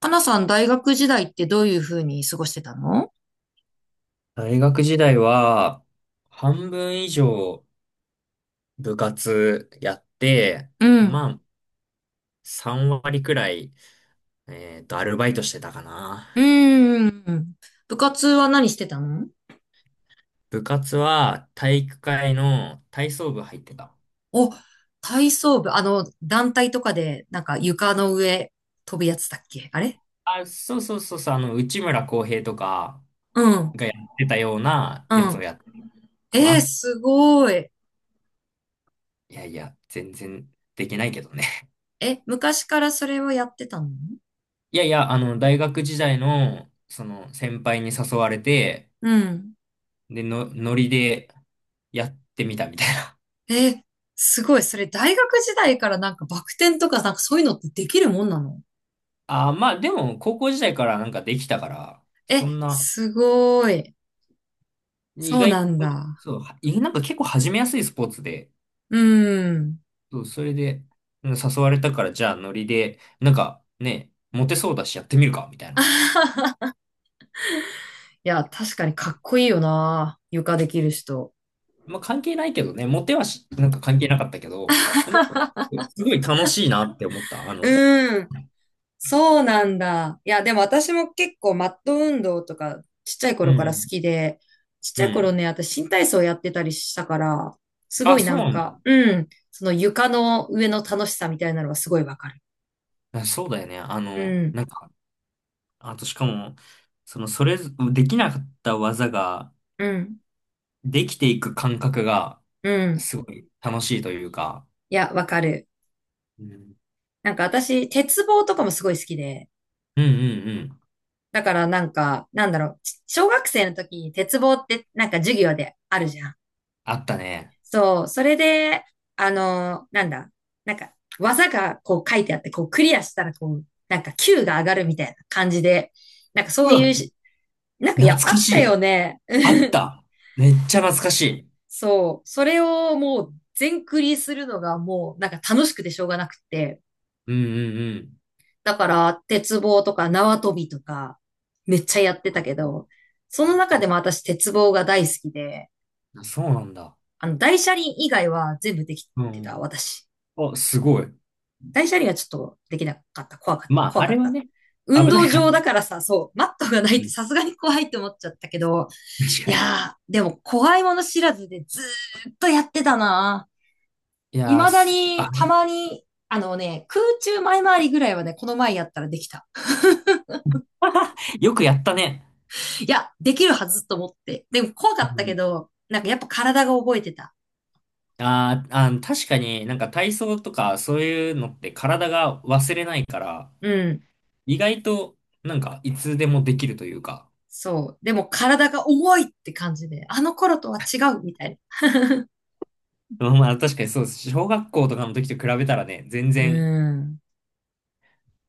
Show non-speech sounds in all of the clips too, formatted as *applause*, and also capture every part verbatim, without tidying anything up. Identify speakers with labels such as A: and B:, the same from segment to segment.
A: かなさん、大学時代ってどういうふうに過ごしてたの？
B: 大学時代は、半分以上部活やって、
A: うん。
B: まあ、さんわり割くらい、えっと、アルバイトしてたかな。
A: うーん。部活は何してたの？
B: 部活は体育会の体操部入ってた。
A: お、体操部、あの、団体とかで、なんか床の上飛ぶやつだっけあれ？
B: あ、そうそうそうそう、あの、内村航平とか
A: うん。
B: がやってたような
A: う
B: やつを
A: ん。
B: やってたか
A: えー、
B: な。
A: すごい。
B: いやいや、全然できないけどね。*laughs*
A: え、昔からそれをやってたの？
B: いやいや、あの、大学時代の、その、先輩に誘われて、
A: うん。
B: で、の、ノリでやってみたみたいな。
A: えー、すごい。それ大学時代からなんかバク転とかなんかそういうのってできるもんなの？
B: ああ、まあでも、高校時代からなんかできたから、
A: え、
B: そんな、
A: すごい。
B: 意
A: そうな
B: 外と、
A: んだ。
B: そう、いなんか結構始めやすいスポーツで、
A: うん。
B: そう、それで、うん誘われたから、じゃあノリで、なんかね、モテそうだしやってみるか、みたいな。
A: *laughs* いや、確かにかっこいいよな。床できる人。
B: まあ関係ないけどね、モテはし、なんか関係なかったけど、でも
A: *laughs*
B: すごい楽しいなって思った。あの、うん、
A: うん。そうなんだ。いや、でも私も結構マット運動とかちっちゃい
B: う
A: 頃から好
B: ん。
A: きで、ちっち
B: う
A: ゃい頃
B: ん
A: ね、私新体操やってたりしたから、すご
B: あ、
A: いな
B: そう
A: ん
B: なんだ。
A: か、うん、その床の上の楽しさみたいなのはすごいわかる。
B: あそうだよね。あ
A: う
B: の、
A: ん、
B: なんか、あとしかも、その、それぞ、できなかった技が、
A: うん、
B: できていく感覚が、
A: うん。
B: すごい楽しいというか、
A: いや、わかる。
B: うん、うん
A: なんか私、鉄棒とかもすごい好きで、
B: うんうん。
A: だからなんか、なんだろう、ち小学生の時に鉄棒ってなんか授業であるじゃん。
B: あったね。
A: そう、それで、あの、なんだ、なんか、技がこう書いてあって、こうクリアしたら、こう、なんか Q が上がるみたいな感じで、なんかそ
B: う
A: う
B: わ、
A: いうし、なんかい
B: 懐
A: や、あ
B: か
A: っ
B: し
A: たよ
B: い。
A: ね。
B: あっ
A: *laughs*
B: た。めっちゃ懐かしい。
A: そう、それをもう全クリするのがもう、なんか楽しくてしょうがなくて、
B: うんうんうん。
A: だから、鉄棒とか縄跳びとか、めっちゃやってた
B: あ、
A: けど、そ
B: あ、
A: の中で
B: た
A: も私、鉄棒が大好きで、
B: そうなんだ。
A: あの、大車輪以外は全部でき
B: う
A: てた、
B: ん。
A: 私。
B: あ、すごい。
A: 大車輪はちょっとできなかった。怖かった。
B: まあ、
A: 怖
B: あ
A: か
B: れ
A: っ
B: は
A: た。
B: ね、
A: 運
B: 危ない
A: 動
B: から
A: 場だ
B: ね。
A: からさ、そう、マットがない
B: う
A: と
B: ん。
A: さすがに怖いって思っちゃったけど、
B: 確
A: い
B: かに。
A: やー、でも怖いもの知らずでずーっとやってたな。
B: いやー、
A: 未だ
B: す、あ、
A: に、たまに、あのね、空中前回りぐらいはね、この前やったらできた。
B: よくやったね。
A: いや、できるはずと思って。でも怖か
B: う
A: ったけ
B: ん。
A: ど、なんかやっぱ体が覚えてた。
B: あーあー、確かになんか体操とかそういうのって体が忘れないから、
A: うん。
B: 意外と、なんか、いつでもできるというか。
A: そう。でも体が重いって感じで、あの頃とは違うみたいな。
B: まあまあ、確かにそうです。小学校とかの時と比べたらね、全
A: *laughs* う
B: 然、
A: ん。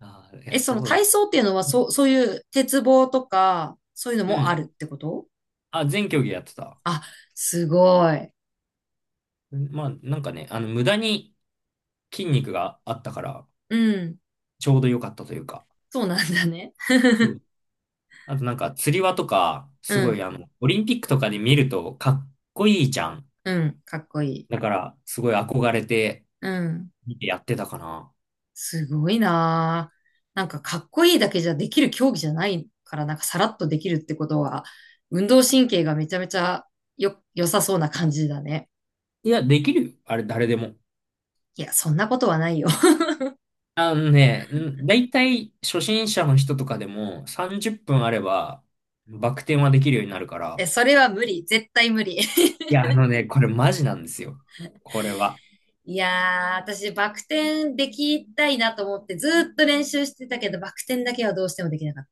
B: あー、い
A: え、
B: や、
A: そ
B: そ
A: の
B: うだ。
A: 体操っていうのは、そう、そういう鉄棒とか、そういうの
B: う
A: もあ
B: ん。
A: るってこと？
B: あ、全競技やってた。
A: あ、すごい。
B: まあ、なんかね、あの、無駄に筋肉があったから、
A: うん。
B: ちょうど良かったというか。
A: そうなんだね。
B: そう。あとなんか、釣り輪とか、す
A: う
B: ごい、
A: ん。
B: あの、オリンピックとかで見ると、かっこいいじゃん。
A: うん。かっこいい。
B: だから、すごい憧れて、
A: うん。
B: 見てやってたかな。
A: すごいなぁ。なんかかっこいいだけじゃできる競技じゃないから、なんかさらっとできるってことは、運動神経がめちゃめちゃよ、良さそうな感じだね。
B: いや、できるよ。あれ、誰でも。
A: いや、そんなことはないよ。*laughs*
B: あのね、んだいたい初心者の人とかでもさんじゅっぷんあればバク転はできるようになるか
A: え、
B: ら。
A: それは無理。絶対無理。
B: いや、あのね、これマジなんですよ。これは。
A: いやー、私、バク転できたいなと思って、ずーっと練習してたけど、バク転だけはどうしてもできなかっ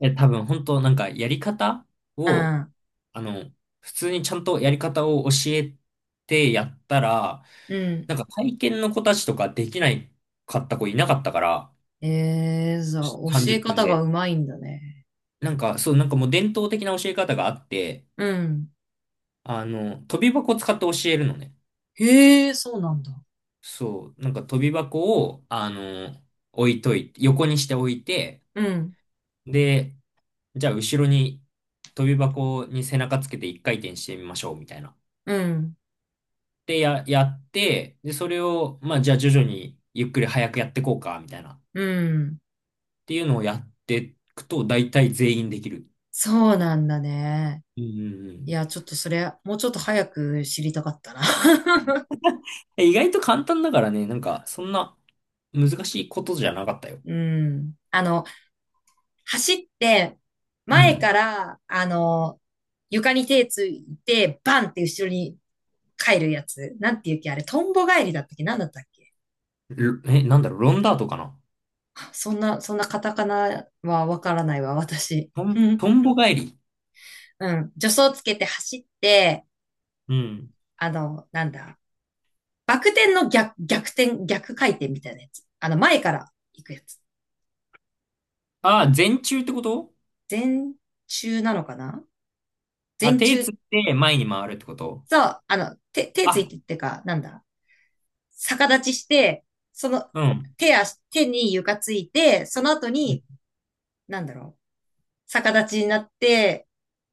B: え、多分本当なんかやり方を、
A: た。
B: あの、普通にちゃんとやり方を教えてやったら、
A: うん。うん。
B: なんか体験の子たちとかできないかった子いなかったから、
A: えー、そう、教
B: 30
A: え
B: 分
A: 方が
B: で。
A: うまいんだね。
B: なんか、そう、なんかもう伝統的な教え方があって、
A: うん。
B: あの、跳び箱を使って教えるのね。
A: へえ、そうなんだ。
B: そう、なんか飛び箱を、あの、置いといて、横にして置いて、
A: うん。
B: で、じゃあ後ろに飛び箱に背中つけて一回転してみましょう、みたいな。
A: うん。
B: で、や、やって、で、それを、まあ、じゃあ徐々にゆっくり早くやってこうか、みたいな。っ
A: うん。
B: ていうのをやっていくと、大体全員できる。
A: そうなんだね。
B: うんうんう
A: い
B: ん。
A: や、ちょっとそれ、もうちょっと早く知りたかったな。*laughs*
B: え意外と簡単だからね、なんか、そんな難しいことじゃなかったよ。
A: うん。あの、走って、
B: う
A: 前か
B: ん。
A: ら、あの、床に手ついて、バンって後ろに帰るやつ。なんていうっけあれ、トンボ帰りだったっけなんだったっけ？
B: ろえ、なんだろう、ロンダートかな
A: そんな、そんなカタカナはわからないわ、私。
B: ト
A: *laughs* う
B: ン、
A: ん。
B: トンボ返り。
A: うん。助走つけて走って、
B: うん。
A: あの、なんだ。バク転の逆、逆転、逆回転みたいなやつ。あの、前から行くやつ。
B: ああ、前中ってこと？
A: 前中なのかな？
B: あ、
A: 前
B: 手つ
A: 中
B: って前に回るってこと？
A: と、あの、手、手つ
B: あ、
A: いてってか、なんだ。逆立ちして、その、
B: うん。う
A: 手足、手に床ついて、その後に、
B: ん
A: なんだろう。逆立ちになって、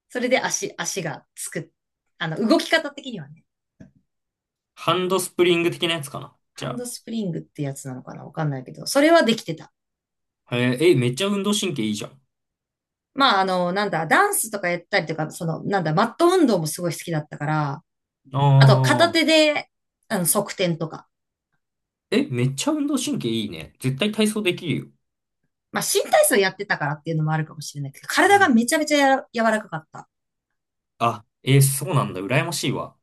A: それで足、足がつく。あの、動き方的にはね。
B: ハンドスプリング的なやつかな。じ
A: ハン
B: ゃ
A: ドスプリングってやつなのかなわかんないけど、それはできてた。
B: あ。へえ、え、めっちゃ運動神経いいじゃん。
A: まあ、あの、なんだ、ダンスとかやったりとか、その、なんだ、マット運動もすごい好きだったから、あと、片
B: ああ。
A: 手で、あの、側転とか。
B: え、めっちゃ運動神経いいね。絶対体操できるよ。
A: まあ、新体操やってたからっていうのもあるかもしれないけど、
B: う
A: 体が
B: ん。
A: めちゃめちゃやら柔らかかった。
B: あ、え、そうなんだ。羨ましいわ。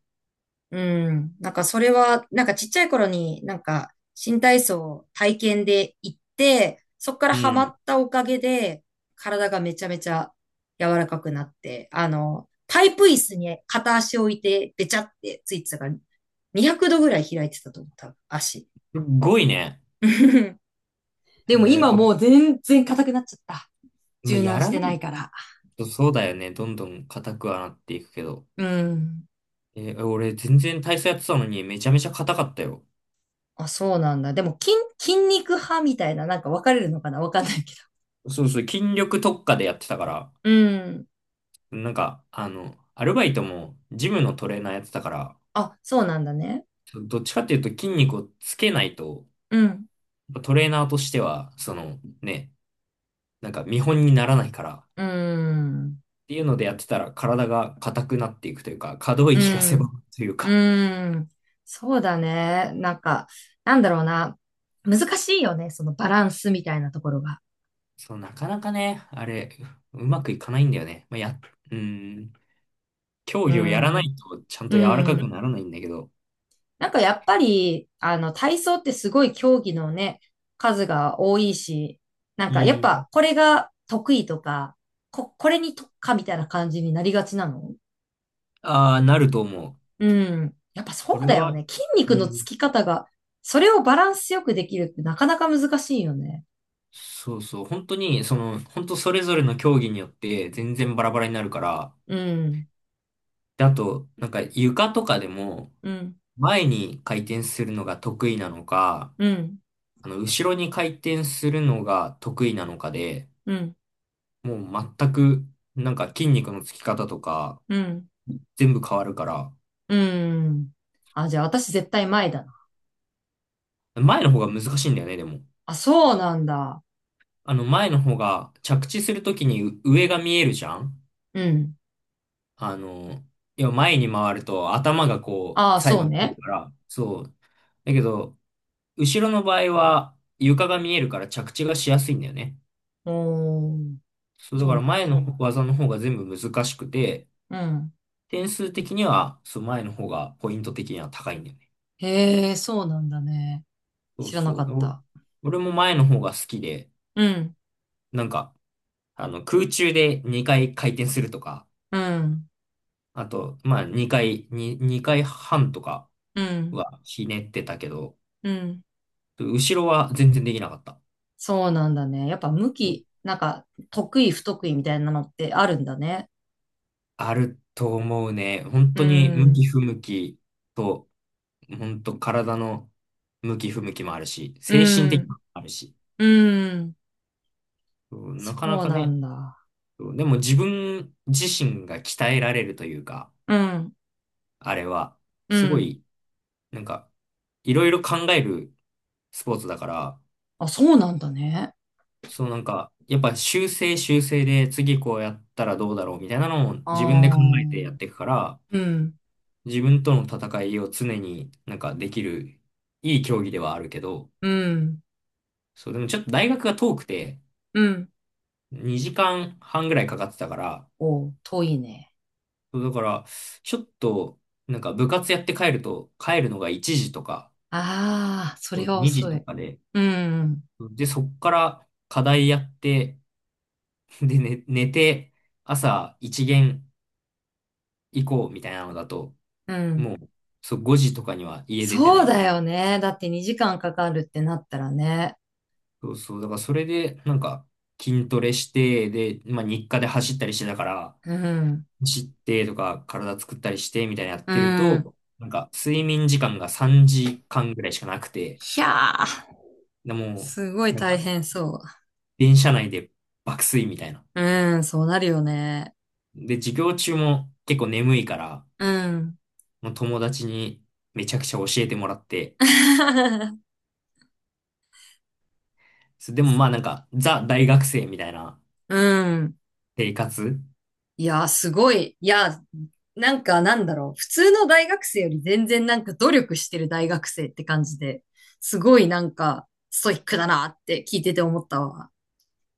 A: うん。なんかそれは、なんかちっちゃい頃になんか新体操を体験で行って、そこから
B: う
A: ハマ
B: ん。
A: ったおかげで、体がめちゃめちゃ柔らかくなって、あの、パイプ椅子に片足を置いて、べちゃってついてたから、にひゃくどぐらい開いてたと思う、多分、足。
B: すっごいね。
A: *laughs* でも
B: え
A: 今
B: ー、お
A: もう全然硬くなっちゃった。
B: まあ、
A: 柔
B: や
A: 軟し
B: らな
A: てない
B: い
A: から。
B: とそうだよね。どんどん硬くはなっていくけど。
A: うん。
B: えー俺全然体操やってたのにめちゃめちゃ硬かったよ。
A: あ、そうなんだ。でも筋、筋肉派みたいな、なんか分かれるのかなわかんないけど。
B: そうそう、筋力特化でやってたから。
A: うん。
B: なんか、あの、アルバイトもジムのトレーナーやってたから、
A: あ、そうなんだね。
B: どっちかっていうと筋肉をつけないと、
A: うん。
B: トレーナーとしては、そのね、なんか見本にならないから、っ
A: うーん。
B: ていうのでやってたら体が硬くなっていくというか、可動
A: う
B: 域が狭
A: ん。
B: くという
A: う
B: か、
A: ーん。そうだね。なんか、なんだろうな。難しいよね。そのバランスみたいなところが。
B: そう、なかなかね、あれ、うまくいかないんだよね。まあ、や、うん、競
A: う
B: 技をやらな
A: ん。
B: いとちゃん
A: う
B: と柔らかく
A: ん。
B: ならないんだけど、
A: なんかやっぱり、あの、体操ってすごい競技のね、数が多いし、なん
B: う
A: かやっ
B: ん、
A: ぱこれが得意とか、こ、これに特化みたいな感じになりがちなの？
B: ああ、なると思う。
A: うん。やっぱそう
B: 俺
A: だよ
B: は、
A: ね。筋
B: う
A: 肉のつ
B: ん
A: き方が、それをバランスよくできるってなかなか難しいよね。
B: そうそう、本当に、その、本当それぞれの競技によって全然バラバラになるから、
A: うん。
B: で、あと、なんか床とかでも、
A: うん。
B: 前に回転するのが得意なのか、
A: うん。
B: あの、後ろに回転するのが得意なのかで、
A: うん。
B: もう全く、なんか筋肉のつき方とか、
A: うん。
B: 全部変わるから、
A: うん。あ、じゃあ私絶対前だな。
B: 前の方が難しいんだよね、でも。
A: あ、そうなんだ。
B: あの、前の方が着地するときにう上が見えるじゃん
A: うん。
B: あの、いや、前に回ると頭がこ
A: ああ、
B: う、最
A: そ
B: 後
A: う
B: に来る
A: ね。
B: から、そう、だけど、後ろの場合は床が見えるから着地がしやすいんだよね。
A: おー、
B: そう、だ
A: そ
B: か
A: う
B: ら
A: なん
B: 前
A: だ。
B: の技の方が全部難しくて、
A: うん。
B: 点数的には、そう、前の方がポイント的には高いんだよね。
A: へえ、そうなんだね。
B: そう
A: 知ら
B: そ
A: なか
B: う。
A: っ
B: お
A: た。
B: 俺も前の方が好きで、
A: うん。
B: なんか、あの、空中でにかい回転するとか、
A: うん。
B: あと、まあにかい、ににかいはんとか
A: うん。
B: はひねってたけど、
A: うん。
B: 後ろは全然できなかった。
A: そうなんだね。やっぱ向き、なんか、得意不得意みたいなのってあるんだね。
B: あると思うね。本
A: う
B: 当に向き
A: ん、
B: 不向きと、本当体の向き不向きもあるし、
A: う
B: 精神的なの
A: ん、
B: もあるし、
A: うん、
B: うんなかな
A: そう
B: か
A: な
B: ね、
A: んだ。
B: うんでも自分自身が鍛えられるというか、
A: うん、
B: あれは、
A: う
B: すご
A: ん。
B: い、なんか、いろいろ考えるスポーツだから、
A: あ、そうなんだね。
B: そうなんか、やっぱ修正修正で次こうやったらどうだろうみたいなのを自分で考
A: あ
B: えてやっ
A: ー、
B: ていくから、
A: うん、
B: 自分との戦いを常になんかできるいい競技ではあるけど、
A: うん、
B: そう、でもちょっと大学が遠くて、
A: うん。
B: にじかんはんぐらいかかってたから、
A: おう、遠いね。
B: そうだから、ちょっと、なんか部活やって帰ると、帰るのがいちじとか、
A: ああ、それは
B: にじ
A: 遅
B: と
A: い。
B: かで、
A: うん、
B: で、そっから課題やって、で、ね、寝て、朝一限行こうみたいなのだと、
A: う
B: も
A: ん。
B: う、そう、ごじとかには家出てな
A: そう
B: いと。
A: だよね。だってにじかんかかるってなったらね。
B: そうそう、だからそれで、なんか、筋トレして、で、まあ日課で走ったりしてたから、
A: うん、
B: 走ってとか体作ったりしてみたいなやっ
A: う
B: てる
A: ん。
B: と、なんか睡眠時間がさんじかんぐらいしかなくて、
A: ひゃー、
B: でも
A: すごい
B: う、なん
A: 大
B: か
A: 変そ
B: 電車内で爆睡みたいな。
A: う。うん、そうなるよね。
B: で、授業中も結構眠いから、
A: うん。
B: もう友達にめちゃくちゃ教えてもらって、
A: *laughs*
B: そでもまあなんかザ大学生みたいな
A: うん。
B: 生活、
A: いやー、すごい。いやー、なんかなんだろう。普通の大学生より全然なんか努力してる大学生って感じで、すごいなんかストイックだなって聞いてて思ったわ。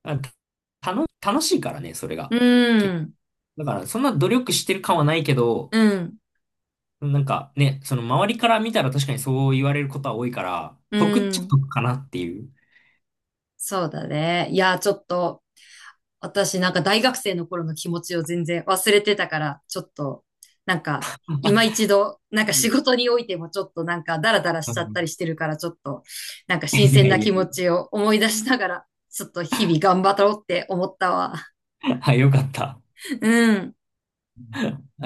B: あた楽しいからね、それ
A: う
B: が。け
A: ん、
B: だからそんな努力してる感はないけど、
A: うん、
B: なんかね、その周りから見たら確かにそう言われることは多いから、
A: う
B: 得っちゃ
A: ん。
B: 得かなっていう。
A: そうだね。いやー、ちょっと私なんか大学生の頃の気持ちを全然忘れてたから、ちょっと、なんか、今一度、なんか
B: *laughs* う
A: 仕
B: ん
A: 事においてもちょっとなんかダラダラしちゃったりしてるから、ちょっと、なんか
B: い
A: 新鮮
B: や
A: な
B: いや
A: 気持
B: い
A: ちを思い出しながら、ちょっと日々頑張ろうって思ったわ。
B: や。はいよかった。
A: うん。